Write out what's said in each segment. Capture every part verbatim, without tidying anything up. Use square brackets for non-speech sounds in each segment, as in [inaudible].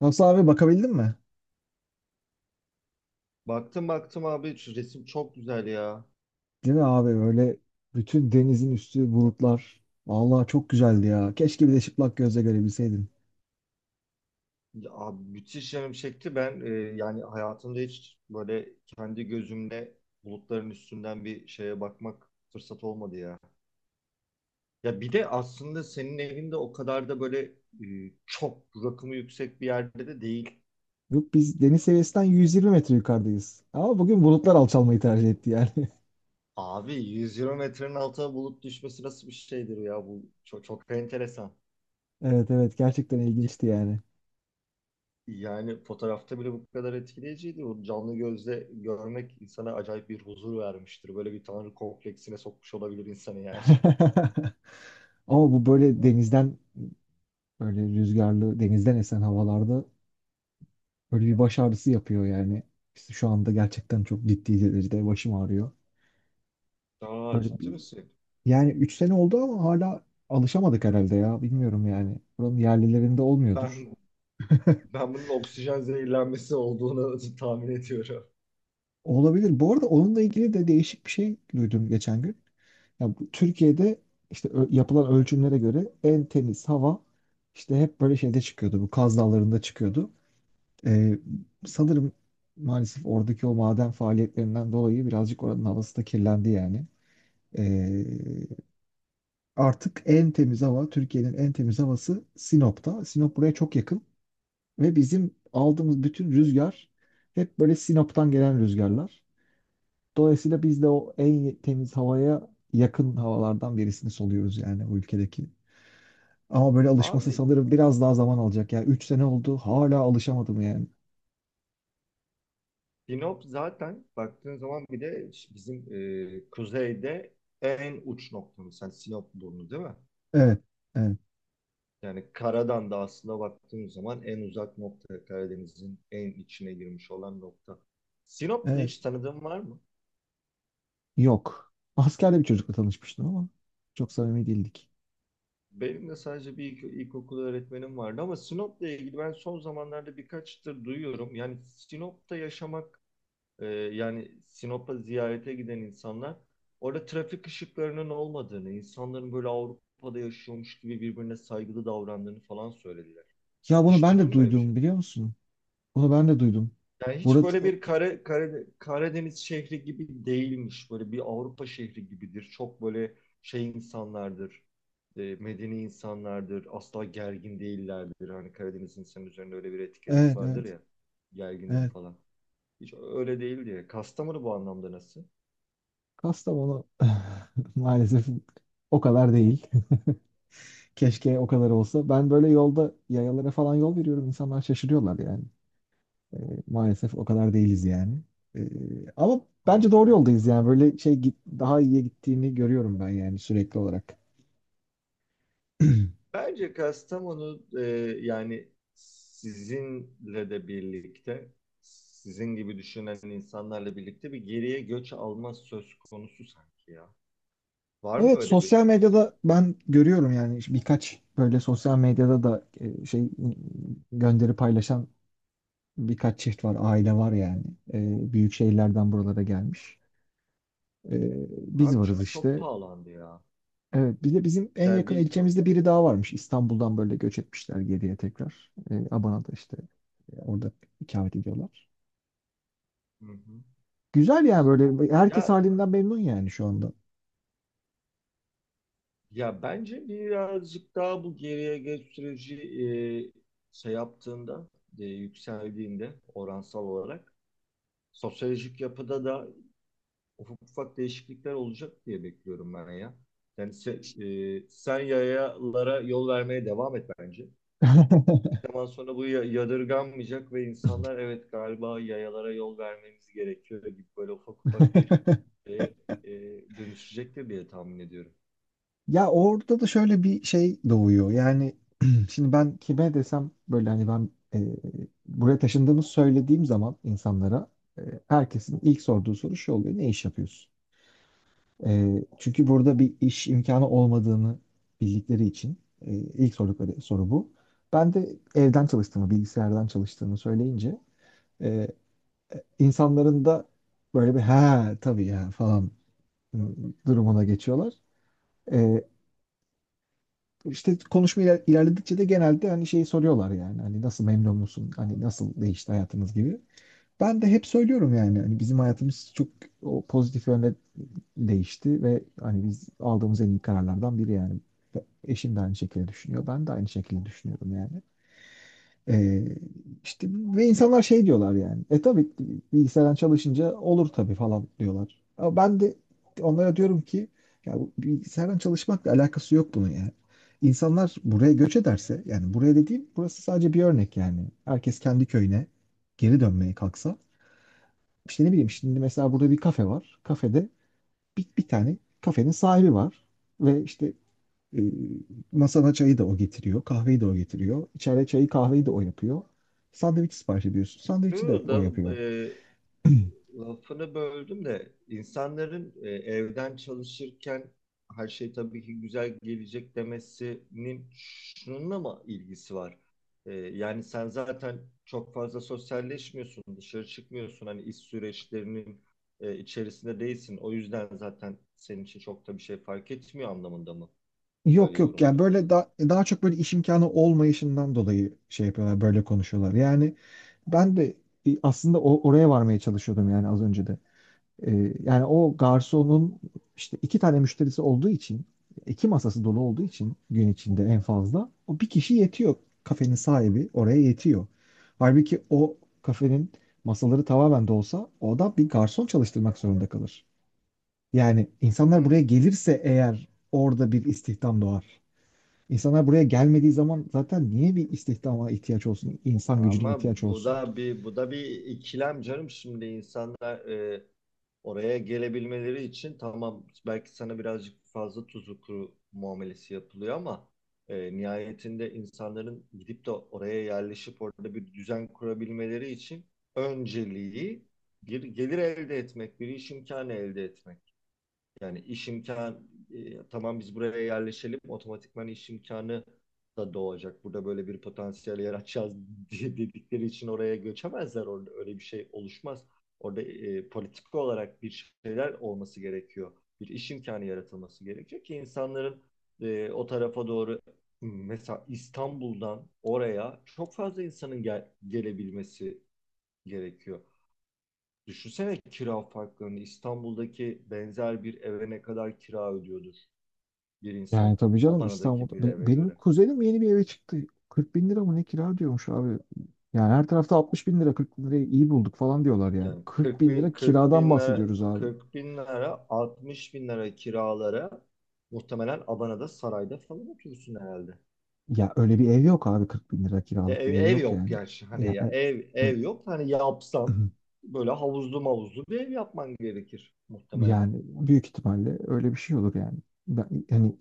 Nasıl abi bakabildin mi? Baktım baktım abi şu resim çok güzel ya. Değil mi abi öyle bütün denizin üstü bulutlar. Vallahi çok güzeldi ya. Keşke bir de çıplak gözle görebilseydim. Ya abi, müthiş yanım çekti. Ben e, yani hayatımda hiç böyle kendi gözümle bulutların üstünden bir şeye bakmak fırsat olmadı ya. Ya bir de aslında senin evinde o kadar da böyle e, çok rakımı yüksek bir yerde de değil. Yok biz deniz seviyesinden yüz yirmi metre yukarıdayız. Ama bugün bulutlar alçalmayı tercih etti yani. [laughs] Abi yüz yirmi metrenin altına bulut düşmesi nasıl bir şeydir ya bu çok, çok enteresan. Evet, evet, gerçekten ilginçti yani. Yani fotoğrafta bile bu kadar etkileyiciydi. O canlı gözle görmek insana acayip bir huzur vermiştir. Böyle bir tanrı kompleksine sokmuş olabilir insanı yani. [laughs] [laughs] Ama bu böyle denizden böyle rüzgarlı denizden esen havalarda böyle bir baş ağrısı yapıyor yani. İşte şu anda gerçekten çok ciddi derecede başım ağrıyor. Aa, Böyle ciddi bir misin? Yani üç sene oldu ama hala alışamadık herhalde ya. Bilmiyorum yani. Buranın yerlilerinde olmuyordur. Ben ben bunun oksijen zehirlenmesi olduğunu [laughs] tahmin ediyorum. Olabilir. Bu arada onunla ilgili de değişik bir şey duydum geçen gün. Ya bu Türkiye'de işte ö- yapılan ölçümlere göre en temiz hava işte hep böyle şeyde çıkıyordu. Bu Kaz Dağları'nda çıkıyordu. Ee, sanırım maalesef oradaki o maden faaliyetlerinden dolayı birazcık oranın havası da kirlendi yani. Ee, artık en temiz hava, Türkiye'nin en temiz havası Sinop'ta. Sinop buraya çok yakın. Ve bizim aldığımız bütün rüzgar hep böyle Sinop'tan gelen rüzgarlar. Dolayısıyla biz de o en temiz havaya yakın havalardan birisini soluyoruz yani bu ülkedeki. Ama böyle alışması Abi sanırım biraz daha zaman alacak. Yani üç sene oldu hala alışamadım yani. Sinop zaten baktığın zaman bir de bizim e, kuzeyde en uç noktamız. Yani Sinop burnu değil mi? Evet, evet, Yani karadan da aslında baktığımız zaman en uzak nokta Karadeniz'in en içine girmiş olan nokta. Sinop'ta evet. hiç tanıdığın var mı? Yok. Askerde bir çocukla tanışmıştım ama çok samimi değildik. Benim de sadece bir ilk, ilkokul öğretmenim vardı ama Sinop'la ilgili ben son zamanlarda birkaçtır duyuyorum. Yani Sinop'ta yaşamak, e, yani Sinop'a ziyarete giden insanlar orada trafik ışıklarının olmadığını, insanların böyle Avrupa'da yaşıyormuş gibi birbirine saygılı davrandığını falan söylediler. Ya bunu Hiç ben duydun de mu böyle bir şey? duydum biliyor musun? Bunu ben de duydum. Yani hiç Burada böyle bir Kara, Kara- Karadeniz şehri gibi değilmiş. Böyle bir Avrupa şehri gibidir. Çok böyle şey insanlardır. E, medeni insanlardır. Asla gergin değillerdir. Hani Karadeniz insanın üzerinde öyle bir etiket evet, vardır evet, ya. Gergindir evet. falan. Hiç öyle değil diye. Kastamonu bu anlamda nasıl? [laughs] Kastamonu [laughs] maalesef o kadar değil. [laughs] Keşke o kadar olsa. Ben böyle yolda yayalara falan yol veriyorum. İnsanlar şaşırıyorlar yani. Ee, maalesef o kadar değiliz yani. Ee, ama Aha. bence doğru yoldayız yani. Böyle şey git- daha iyiye gittiğini görüyorum ben yani sürekli olarak. [clears throat] Bence Kastamonu e, yani sizinle de birlikte sizin gibi düşünen insanlarla birlikte bir geriye göç alma söz konusu sanki ya. Var mı Evet, öyle bir sosyal gözlem? medyada ben görüyorum yani işte birkaç böyle sosyal medyada da e, şey gönderi paylaşan birkaç çift var, aile var yani. E, büyük şehirlerden buralara gelmiş. E, Biz Abi varız çünkü çok işte. pahalandı ya. Evet, bir de bizim en Yani yakın biz. ilçemizde biri daha varmış. İstanbul'dan böyle göç etmişler geriye tekrar. E, Abana'da işte e, orada ikamet ediyorlar. Hı hı. Güzel yani, böyle herkes Ya, halinden memnun yani şu anda. ya bence birazcık daha bu geriye geç süreci e, şey yaptığında e, yükseldiğinde oransal olarak sosyolojik yapıda da ufak ufak değişiklikler olacak diye bekliyorum ben ya. Yani se, e, sen yayalara yol vermeye devam et bence. Bir zaman sonra bu ya- yadırganmayacak ve insanlar evet galiba yayalara yol vermemiz gerekiyor gibi böyle ufak ufak bir [laughs] e, e, dönüşecektir diye tahmin ediyorum. Ya orada da şöyle bir şey doğuyor. Yani [clears throat] şimdi ben kime desem böyle hani ben e, buraya taşındığımı söylediğim zaman insanlara e, herkesin ilk sorduğu soru şu oluyor. Ne iş yapıyorsun? E, çünkü burada bir iş imkanı olmadığını bildikleri için e, ilk sordukları soru bu. Ben de evden çalıştığımı, bilgisayardan çalıştığımı söyleyince e, insanların da böyle bir ha tabii ya falan e, durumuna geçiyorlar. E, İşte konuşma iler- ilerledikçe de genelde hani şeyi soruyorlar yani hani nasıl, memnun musun? Hani nasıl değişti hayatınız gibi. Ben de hep söylüyorum yani hani bizim hayatımız çok o pozitif yönde değişti ve hani biz aldığımız en iyi kararlardan biri yani. Eşim de aynı şekilde düşünüyor. Ben de aynı şekilde düşünüyorum yani. Ee, işte ve insanlar şey diyorlar yani. E tabii bilgisayardan çalışınca olur tabii falan diyorlar. Ama ben de onlara diyorum ki ya bu bilgisayardan çalışmakla alakası yok bunun yani. İnsanlar buraya göç ederse yani, buraya dediğim burası sadece bir örnek yani. Herkes kendi köyüne geri dönmeye kalksa işte ne Hı bileyim, hı. şimdi mesela burada bir kafe var. Kafede bir, bir tane kafenin sahibi var ve işte e, masana çayı da o getiriyor, kahveyi de o getiriyor. İçeride çayı kahveyi de o yapıyor. Sandviç sipariş ediyorsun, sandviçi de Şu o da e, yapıyor. [clears throat] lafını böldüm de insanların e, evden çalışırken her şey tabii ki güzel gelecek demesinin şununla mı ilgisi var? E, yani sen zaten çok fazla sosyalleşmiyorsun, dışarı çıkmıyorsun. Hani iş süreçlerinin e, içerisinde değilsin. O yüzden zaten senin için çok da bir şey fark etmiyor anlamında mı? Öyle Yok, yok, yani yorumluyorlar. böyle da, daha çok böyle iş imkanı olmayışından dolayı şey yapıyorlar, böyle konuşuyorlar. Yani ben de e, aslında o, oraya varmaya çalışıyordum yani az önce de. Ee, yani o garsonun işte iki tane müşterisi olduğu için, iki masası dolu olduğu için gün içinde en fazla o bir kişi yetiyor. Kafenin sahibi oraya yetiyor. Halbuki o kafenin masaları tamamen dolsa o da bir garson çalıştırmak zorunda kalır. Yani insanlar buraya Hmm. gelirse eğer orada bir istihdam doğar. İnsanlar buraya gelmediği zaman zaten niye bir istihdama ihtiyaç olsun, insan gücüne Ama ihtiyaç bu olsun? da bir bu da bir ikilem canım, şimdi insanlar e, oraya gelebilmeleri için tamam belki sana birazcık fazla tuzu kuru muamelesi yapılıyor ama e, nihayetinde insanların gidip de oraya yerleşip orada bir düzen kurabilmeleri için önceliği bir gelir elde etmek, bir iş imkanı elde etmek. Yani iş imkan e, tamam biz buraya yerleşelim otomatikman iş imkanı da doğacak. Burada böyle bir potansiyel yaratacağız [laughs] diye dedikleri için oraya göçemezler. Orada öyle bir şey oluşmaz. Orada e, politik olarak bir şeyler olması gerekiyor. Bir iş imkanı yaratılması gerekiyor ki insanların e, o tarafa doğru mesela İstanbul'dan oraya çok fazla insanın gel- gelebilmesi gerekiyor. Düşünsene kira farklarını. İstanbul'daki benzer bir eve ne kadar kira ödüyordur bir Yani insan tabii canım, Adana'daki İstanbul'da. bir Be- eve Benim göre. kuzenim yeni bir eve çıktı. kırk bin lira mı ne kira diyormuş abi. Yani her tarafta altmış bin lira, kırk bin lirayı iyi bulduk falan diyorlar yani. Yani kırk kırk bin bin, lira kırk kiradan bin lira, bahsediyoruz abi. kırk bin lira, altmış bin lira kiralara muhtemelen Adana'da sarayda falan oturursun herhalde. Ya öyle bir ev yok abi, kırk bin lira E, kiralık Ev, bir ev ev yok yok yani. gerçi, hani Ya, e- ya ev e- ev yok, hani yapsan böyle havuzlu mavuzlu bir ev yapman gerekir [clears throat] muhtemelen. yani büyük ihtimalle öyle bir şey olur yani. Ben, yani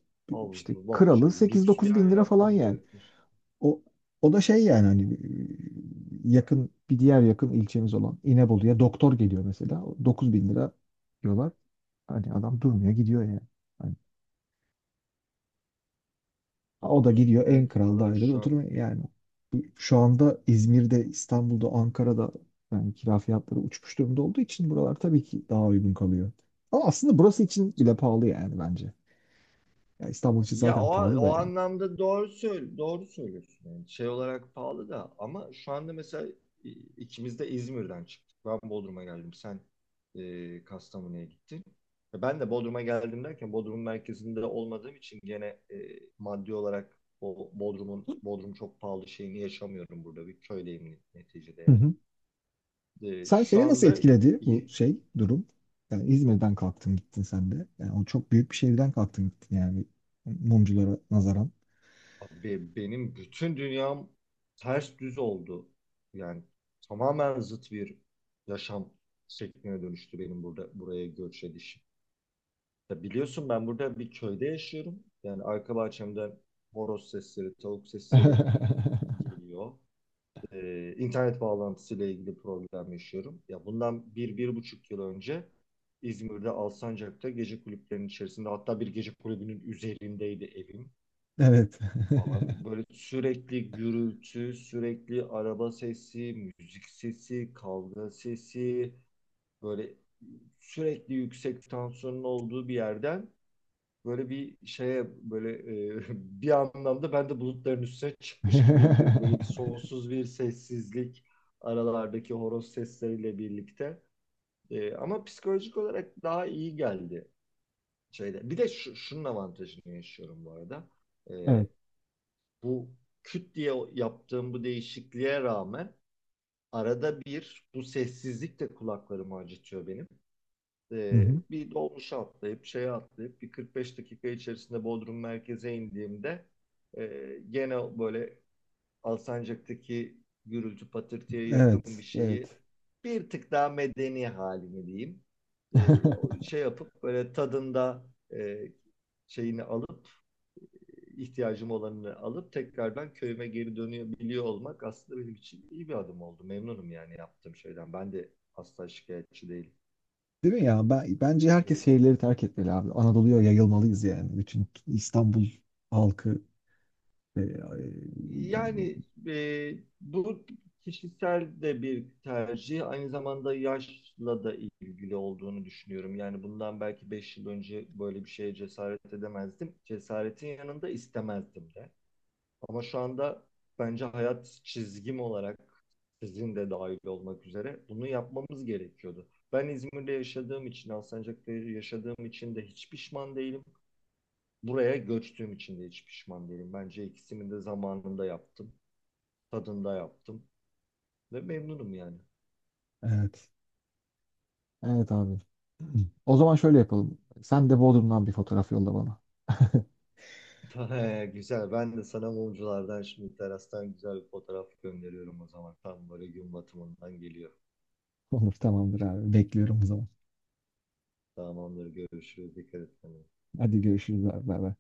işte Havuzlu, kralı bahçeli, lüks bir sekiz dokuz bin yer lira falan yapman yani. gerekir. O, o da şey yani hani e, yakın, bir diğer yakın ilçemiz olan İnebolu'ya doktor geliyor mesela. dokuz bin lira diyorlar. Hani adam durmuyor gidiyor yani. Hani o da dokuz bin gidiyor en lira kral kiralar dairede şu an. oturuyor yani. Bu- Şu anda İzmir'de, İstanbul'da, Ankara'da yani kira fiyatları uçmuş durumda olduğu için buralar tabii ki daha uygun kalıyor. Ama aslında burası için bile pahalı yani bence. Ya İstanbul için Ya zaten o, pahalı da o yani. anlamda doğru söyle, doğru söylüyorsun. Yani şey olarak pahalı da ama şu anda mesela i- ikimiz de İzmir'den çıktık. Ben Bodrum'a geldim. Sen e, Kastamonu'ya gittin. Ya, ben de Bodrum'a geldim derken Bodrum merkezinde olmadığım için gene e, maddi olarak o Bodrum'un Bodrum çok pahalı şeyini yaşamıyorum burada. Bir köydeyim neticede Hı yani. hı. E, Sen şu Seni nasıl anda etkiledi bu şey durum? Yani İzmir'den kalktın gittin sen de. Yani o çok büyük bir şehirden kalktın gittin yani mumculara nazaran. Abi benim bütün dünyam ters düz oldu. Yani tamamen zıt bir yaşam şekline dönüştü benim burada buraya göç edişim. Ya biliyorsun ben burada bir köyde yaşıyorum. Yani arka bahçemden horoz sesleri, tavuk sesleri [laughs] geliyor. Ee, internet bağlantısıyla ilgili problem yaşıyorum. Ya bundan bir, bir buçuk yıl önce İzmir'de Alsancak'ta gece kulüplerinin içerisinde, hatta bir gece kulübünün üzerindeydi evim Evet. [laughs] falan. Böyle sürekli gürültü, sürekli araba sesi, müzik sesi, kavga sesi, böyle sürekli yüksek tansiyonun olduğu bir yerden böyle bir şeye böyle e, [laughs] bir anlamda ben de bulutların üstüne çıkmış gibiyim, bir böyle bir sonsuz bir sessizlik aralardaki horoz sesleriyle birlikte. E, ama psikolojik olarak daha iyi geldi şeyde. Bir de şu, şunun avantajını yaşıyorum bu arada. E, Evet. bu küt diye yaptığım bu değişikliğe rağmen arada bir bu sessizlik de kulaklarımı acıtıyor benim. Hı Ee, hı. Bir dolmuşa atlayıp şeye atlayıp bir kırk beş dakika içerisinde Bodrum merkeze indiğimde e, gene böyle Alsancak'taki gürültü patırtıya yakın bir Evet. şeyi Evet. bir tık daha medeni halini diyeyim. [laughs] Ee, Şey yapıp böyle tadında e, şeyini alıp ihtiyacım olanını alıp tekrardan köyüme geri dönebiliyor olmak aslında benim için iyi bir adım oldu. Memnunum yani yaptığım şeyden. Ben de asla şikayetçi değilim. Değil mi ya? Ben, bence Ee, herkes şehirleri terk etmeli abi. Anadolu'ya yayılmalıyız yani. Bütün İstanbul halkı. e, e, Yani e, bu kişisel de bir tercih. Aynı zamanda yaşla da ilgili olduğunu düşünüyorum. Yani bundan belki beş yıl önce böyle bir şeye cesaret edemezdim. Cesaretin yanında istemezdim de. Ama şu anda bence hayat çizgim olarak sizin de dahil olmak üzere bunu yapmamız gerekiyordu. Ben İzmir'de yaşadığım için, Alsancak'ta yaşadığım için de hiç pişman değilim. Buraya göçtüğüm için de hiç pişman değilim. Bence ikisini de zamanında yaptım, tadında yaptım ve memnunum yani. evet. Evet abi. [clears throat] O zaman şöyle yapalım. Sen de Bodrum'dan bir fotoğraf yolla bana. [laughs] [laughs] Güzel. Ben de sana mumculardan şimdi terastan güzel bir fotoğraf gönderiyorum o zaman. Tam böyle gün batımından geliyor. Olur, tamamdır abi. Bekliyorum o zaman. Tamamdır. Görüşürüz. Dikkat et kendine. Hadi görüşürüz abi. Bay bay.